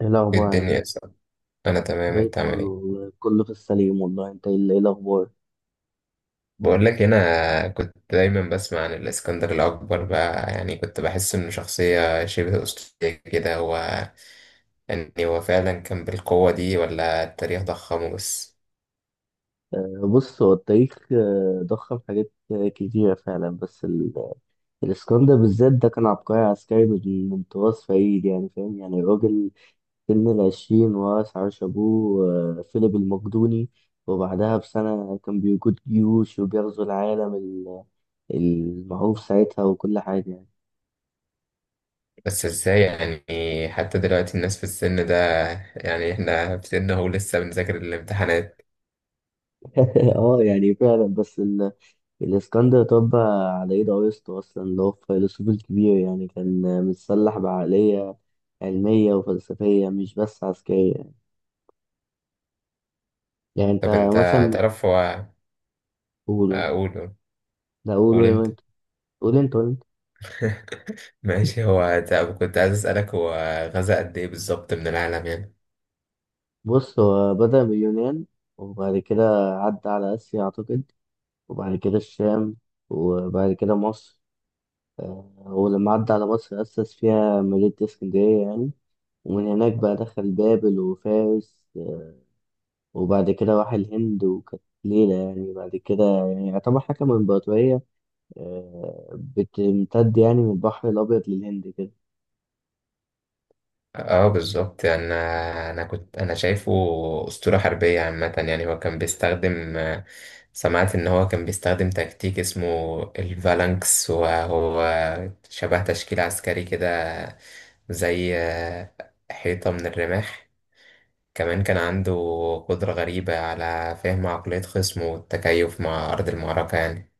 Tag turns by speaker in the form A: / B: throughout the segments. A: ايه
B: إيه
A: الاخبار، عامل
B: الدنيا يا
A: ايه؟
B: صاحبي؟ انا تمام،
A: زي
B: انت
A: الفل
B: عامل ايه؟
A: والله، كله في السليم. والله انت، ايه الاخبار؟
B: بقول لك، انا كنت دايما بسمع عن الاسكندر الاكبر بقى، يعني كنت بحس انه شخصيه شبه اسطوريه كده. هو يعني هو فعلا كان بالقوه دي ولا التاريخ ضخمه بس؟
A: بص هو التاريخ ضخم حاجات كتيره فعلا، بس الاسكندر بالذات ده كان عبقري عسكري من طراز فريد، يعني فاهم، يعني الراجل سن العشرين ورث عرش ابوه، فيليب المقدوني. وبعدها بسنه كان بيقود جيوش وبيغزو العالم المعروف ساعتها، وكل حاجه يعني.
B: بس ازاي يعني؟ حتى دلوقتي الناس في السن ده، يعني احنا في سن اهو لسه بنذاكر الامتحانات.
A: اه يعني فعلا، بس الاسكندر طب على ايد ارسطو اصلا، اللي هو الفيلسوف الكبير، يعني كان متسلح بعقلية علمية وفلسفية، مش بس عسكرية. يعني انت
B: طب انت
A: مثلا،
B: تعرف هو.
A: قوله.
B: اقوله.
A: لا
B: قول
A: قوله
B: انت.
A: انت. قول انت قول انت.
B: ماشي، هو طب كنت عايز اسالك، هو غزا قد ايه بالظبط من العالم يعني؟
A: بص، هو بدأ من اليونان. وبعد كده عدى على آسيا أعتقد. وبعد كده الشام. وبعد كده مصر. ولما عدى على مصر أسس فيها مدينة اسكندرية يعني. ومن هناك بقى دخل بابل وفارس. وبعد كده راح الهند وكانت ليلة يعني. بعد كده يعني يعتبر حكم إمبراطورية بتمتد يعني من البحر الأبيض للهند كده.
B: اه بالظبط. يعني انا كنت انا شايفه اسطوره حربيه عامه، يعني هو كان بيستخدم، سمعت ان هو كان بيستخدم تكتيك اسمه الفالانكس، وهو شبه تشكيل عسكري كده، زي حيطه من الرماح. كمان كان عنده قدره غريبه على فهم عقليه خصمه والتكيف مع ارض المعركه يعني.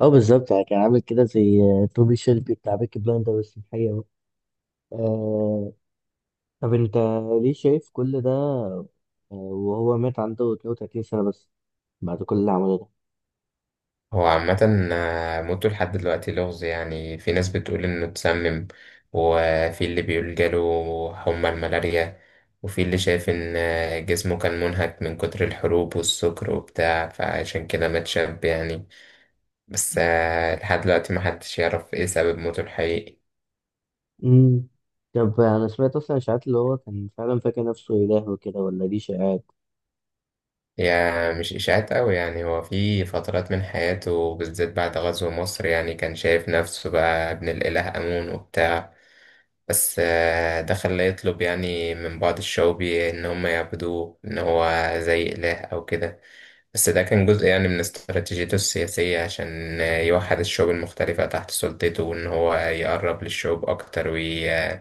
A: اه بالظبط يعني، كان عامل كده زي توبي شيلبي بتاع بيكي بلاندر، بس في الحقيقة بقى. آه طب أنت ليه شايف كل ده وهو مات عنده 32 سنة بس بعد كل اللي عمله ده؟
B: هو عامة موته لحد دلوقتي لغز. يعني في ناس بتقول إنه اتسمم، وفي اللي بيقول جاله حمى الملاريا، وفي اللي شايف إن جسمه كان منهك من كتر الحروب والسكر وبتاع، فعشان كده مات شاب يعني. بس لحد دلوقتي محدش يعرف إيه سبب موته الحقيقي.
A: مم. طب أنا سمعت أصلا إشاعات اللي هو كان فعلا فاكر نفسه إله وكده، ولا دي شائعات؟
B: هي مش إشاعات أوي يعني. هو في فترات من حياته، بالذات بعد غزو مصر، يعني كان شايف نفسه بقى ابن الإله آمون وبتاع. بس ده خلاه يطلب يعني من بعض الشعوبي إن هم يعبدوه، إن هو زي إله أو كده. بس ده كان جزء يعني من استراتيجيته السياسية، عشان يوحد الشعوب المختلفة تحت سلطته، وإن هو يقرب للشعوب أكتر ويحسوا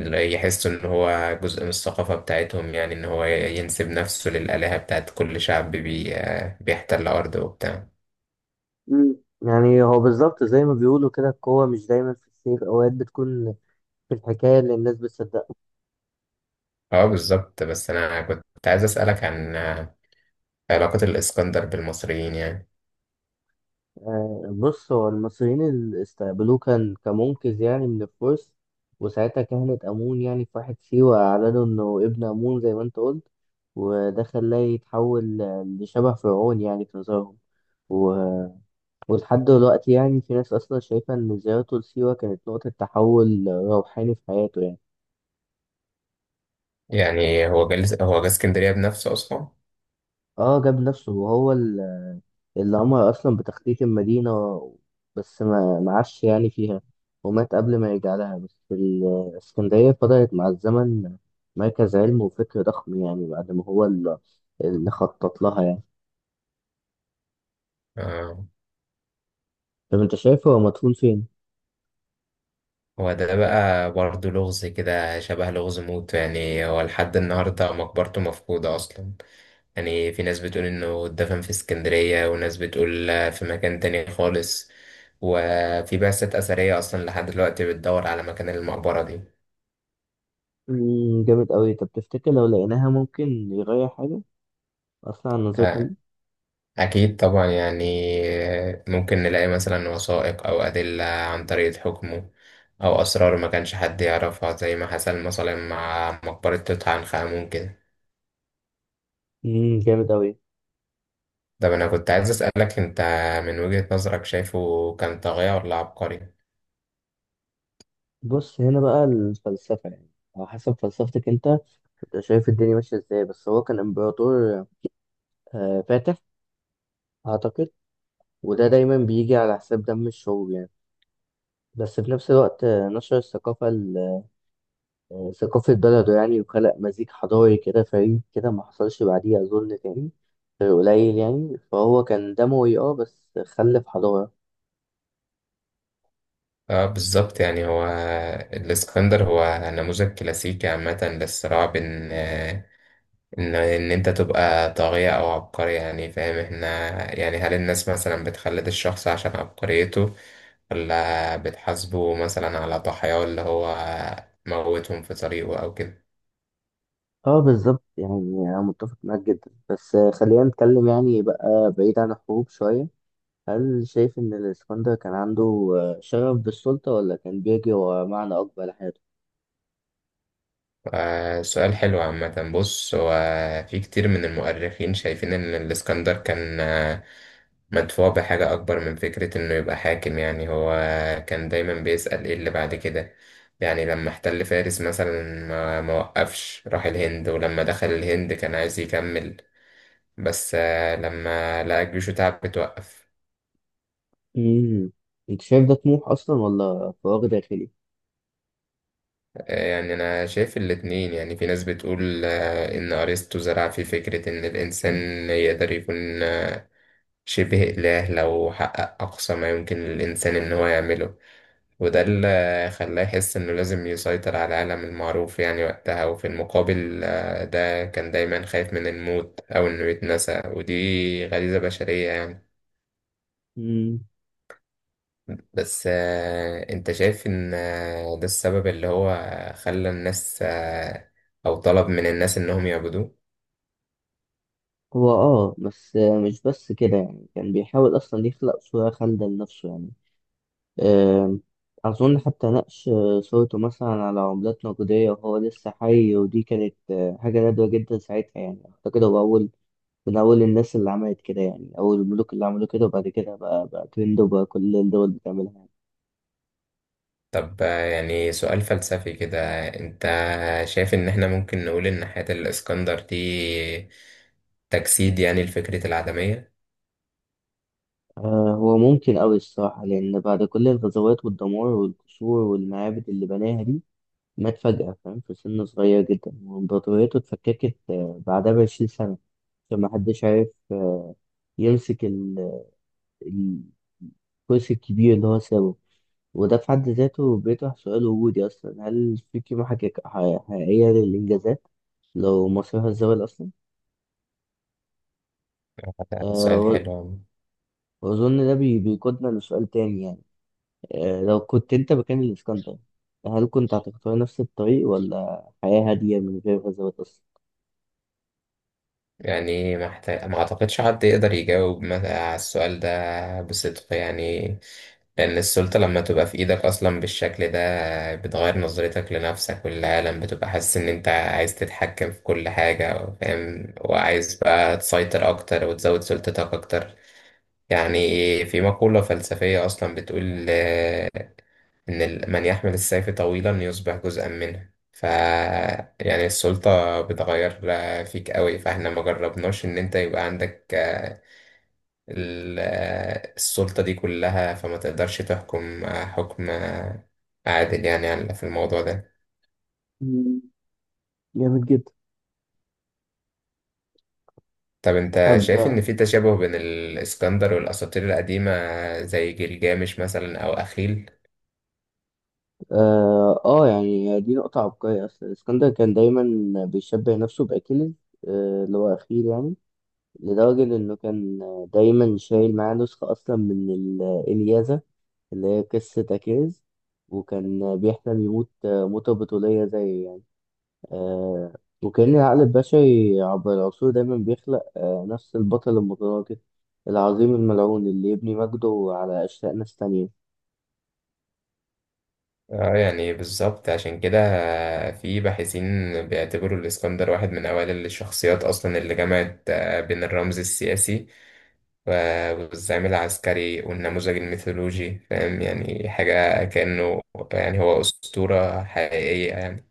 B: إن هو جزء من الثقافة بتاعتهم، يعني إن هو ينسب نفسه للآلهة بتاعت كل شعب بي... آه، بيحتل أرضه وبتاع.
A: مم. يعني هو بالظبط زي ما بيقولوا كده، القوة مش دايما في السيف، أوقات بتكون في الحكاية اللي الناس بتصدقها.
B: اه بالظبط. بس أنا كنت عايز أسألك عن علاقة الإسكندر بالمصريين يعني.
A: بص، هو المصريين اللي استقبلوه كان كمنقذ يعني من الفرس. وساعتها كهنة أمون يعني في واحد سيوة أعلنوا إنه ابن أمون زي ما أنت قلت. وده خلاه يتحول لشبه فرعون يعني في نظرهم. و... ولحد دلوقتي يعني في ناس أصلا شايفة إن زيارته لسيوة كانت نقطة تحول روحاني في حياته يعني.
B: يعني هو جالس، هو جه اسكندرية بنفسه أصلا؟
A: اه، جاب نفسه وهو اللي قامها أصلا بتخطيط المدينة، بس ما معاش يعني فيها، ومات قبل ما يرجع لها. بس الإسكندرية فضلت مع الزمن مركز علم وفكر ضخم يعني، بعد ما هو اللي خطط لها يعني.
B: آه.
A: طب أنت شايف هو مدفون فين؟
B: هو ده بقى برضه لغز كده، شبه لغز موت يعني. هو لحد النهاردة مقبرته مفقودة أصلا، يعني في ناس بتقول إنه اتدفن في اسكندرية، وناس بتقول في مكان تاني خالص، وفي بعثات أثرية أصلا لحد دلوقتي بتدور على مكان المقبرة دي.
A: مم، جامد أوي. طب تفتكر لو لقيناها ممكن يغير حاجة أصلا عن نظرتنا
B: آه،
A: ليه؟
B: أكيد طبعا يعني، ممكن نلاقي مثلا وثائق أو أدلة عن طريقة حكمه، أو أسرار ما كانش حد يعرفها، زي ما حصل مثلا مع مقبرة توت عنخ آمون كده.
A: مم، جامد أوي.
B: طب أنا كنت عايز أسألك، أنت من وجهة نظرك شايفه كان طاغية ولا عبقري؟
A: بص، هنا بقى الفلسفة يعني. على حسب فلسفتك أنت، أنت شايف الدنيا ماشية إزاي. بس هو كان إمبراطور، فاتح أعتقد، وده دايما بيجي على حساب دم الشعوب يعني. بس في نفس الوقت نشر الثقافة ثقافة بلده يعني، وخلق مزيج حضاري كده فريد، كده ما حصلش بعديه أظن تاني قليل يعني. فهو كان دموي بس خلف حضارة.
B: اه بالظبط. يعني هو الإسكندر هو نموذج كلاسيكي عامة للصراع بين آه، ان انت تبقى طاغية او عبقري، يعني فاهم؟ احنا يعني هل الناس مثلا بتخلد الشخص عشان عبقريته، ولا بتحاسبه مثلا على ضحاياه اللي هو موتهم في طريقه او كده؟
A: اه بالظبط يعني، أنا متفق معاك جدا، بس خلينا نتكلم يعني بقى بعيد عن الحروب شوية. هل شايف إن الإسكندر كان عنده شغف بالسلطة، ولا كان بيجري ورا معنى أكبر لحياته؟
B: سؤال حلو عامة. بص، هو في كتير من المؤرخين شايفين ان الاسكندر كان مدفوع بحاجة أكبر من فكرة إنه يبقى حاكم يعني. هو كان دايما بيسأل إيه اللي بعد كده. يعني لما احتل فارس مثلا ما وقفش، راح الهند، ولما دخل الهند كان عايز يكمل، بس لما لقى جيشه تعب بتوقف.
A: مم. أنت شايف ده طموح أصلا ولا فراغ داخلي؟
B: يعني أنا شايف الاتنين. يعني في ناس بتقول إن أرسطو زرع في فكرة إن الإنسان يقدر يكون شبه إله لو حقق أقصى ما يمكن للإنسان إن هو يعمله، وده اللي خلاه يحس إنه لازم يسيطر على العالم المعروف يعني وقتها. وفي المقابل ده كان دايما خايف من الموت أو إنه يتنسى، ودي غريزة بشرية يعني.
A: مم.
B: بس أنت شايف إن ده السبب اللي هو خلى الناس أو طلب من الناس إنهم يعبدوه؟
A: هو بس مش بس كده يعني، كان بيحاول اصلا يخلق صورة خالدة لنفسه يعني. آم، اظن حتى نقش صورته مثلا على عملات نقدية وهو لسه حي، ودي كانت حاجة نادرة جدا ساعتها يعني. اعتقد هو من اول الناس اللي عملت كده، يعني اول الملوك اللي عملوا كده. وبعد كده بقى ترند، وبقى كل الدول بتعملها يعني.
B: طب يعني سؤال فلسفي كده، أنت شايف إن إحنا ممكن نقول إن حياة الإسكندر دي تجسيد يعني لفكرة العدمية؟
A: هو ممكن أوي الصراحة، لأن بعد كل الغزوات والدمار والقصور والمعابد اللي بناها دي مات فجأة فاهم، في سن صغير جدا، وإمبراطوريته اتفككت بعدها بـ20 سنة، عشان محدش عارف يمسك ال- الكرسي الكبير اللي هو سابه. وده في حد ذاته بيطرح سؤال وجودي أصلا، هل في قيمة حقيقية للإنجازات لو مصيرها الزوال أصلا؟ أه،
B: سؤال حلو.
A: وأظن ده بيقودنا لسؤال تاني يعني. لو كنت أنت مكان الإسكندر، هل كنت هتختار نفس الطريق ولا حياة هادية من غير غزوات أصلا؟
B: يعني ما اعتقدش حد يقدر يجاوب على السؤال ده بصدق يعني. لان السلطة لما تبقى في ايدك اصلا بالشكل ده بتغير نظرتك لنفسك وللعالم، بتبقى حاسس ان انت عايز تتحكم في كل حاجة، فاهم؟ وعايز بقى تسيطر اكتر وتزود سلطتك اكتر. يعني في مقولة فلسفية اصلا بتقول إن من يحمل السيف طويلا يصبح جزءا منه، ف يعني السلطة بتغير فيك قوي. فاحنا ما جربناش إن أنت يبقى عندك السلطة دي كلها، فما تقدرش تحكم حكم عادل يعني في الموضوع ده.
A: مم، جامد جدا.
B: طب أنت شايف
A: طب،
B: إن في تشابه بين الإسكندر والأساطير القديمة، زي جلجامش مثلا أو أخيل؟
A: يعني دي نقطة عبقرية أصلا. اسكندر كان دايما بيشبه نفسه بأكيليز، اللي هو أخيل يعني، لدرجة إنه كان دايما شايل معاه نسخة أصلا من الإلياذة اللي هي قصة أكيليز. وكان بيحلم يموت موتة بطولية، زي يعني. آه، وكأن العقل البشري عبر العصور دايما بيخلق نفس البطل المتناقض العظيم الملعون، اللي يبني مجده على أشلاء ناس تانية.
B: اه يعني بالظبط. عشان كده في باحثين بيعتبروا الإسكندر واحد من أوائل الشخصيات أصلا اللي جمعت بين الرمز السياسي والزعيم العسكري والنموذج الميثولوجي، فاهم يعني؟ حاجة كأنه يعني هو أسطورة حقيقية يعني.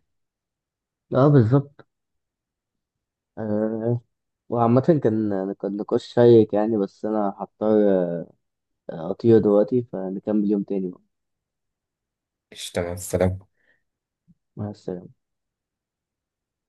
A: اه بالظبط. آه، وعامة كان نقاش شيق يعني، بس أنا هضطر أطير دلوقتي، فنكمل يوم تاني بقى.
B: اشتغل.
A: مع السلامة.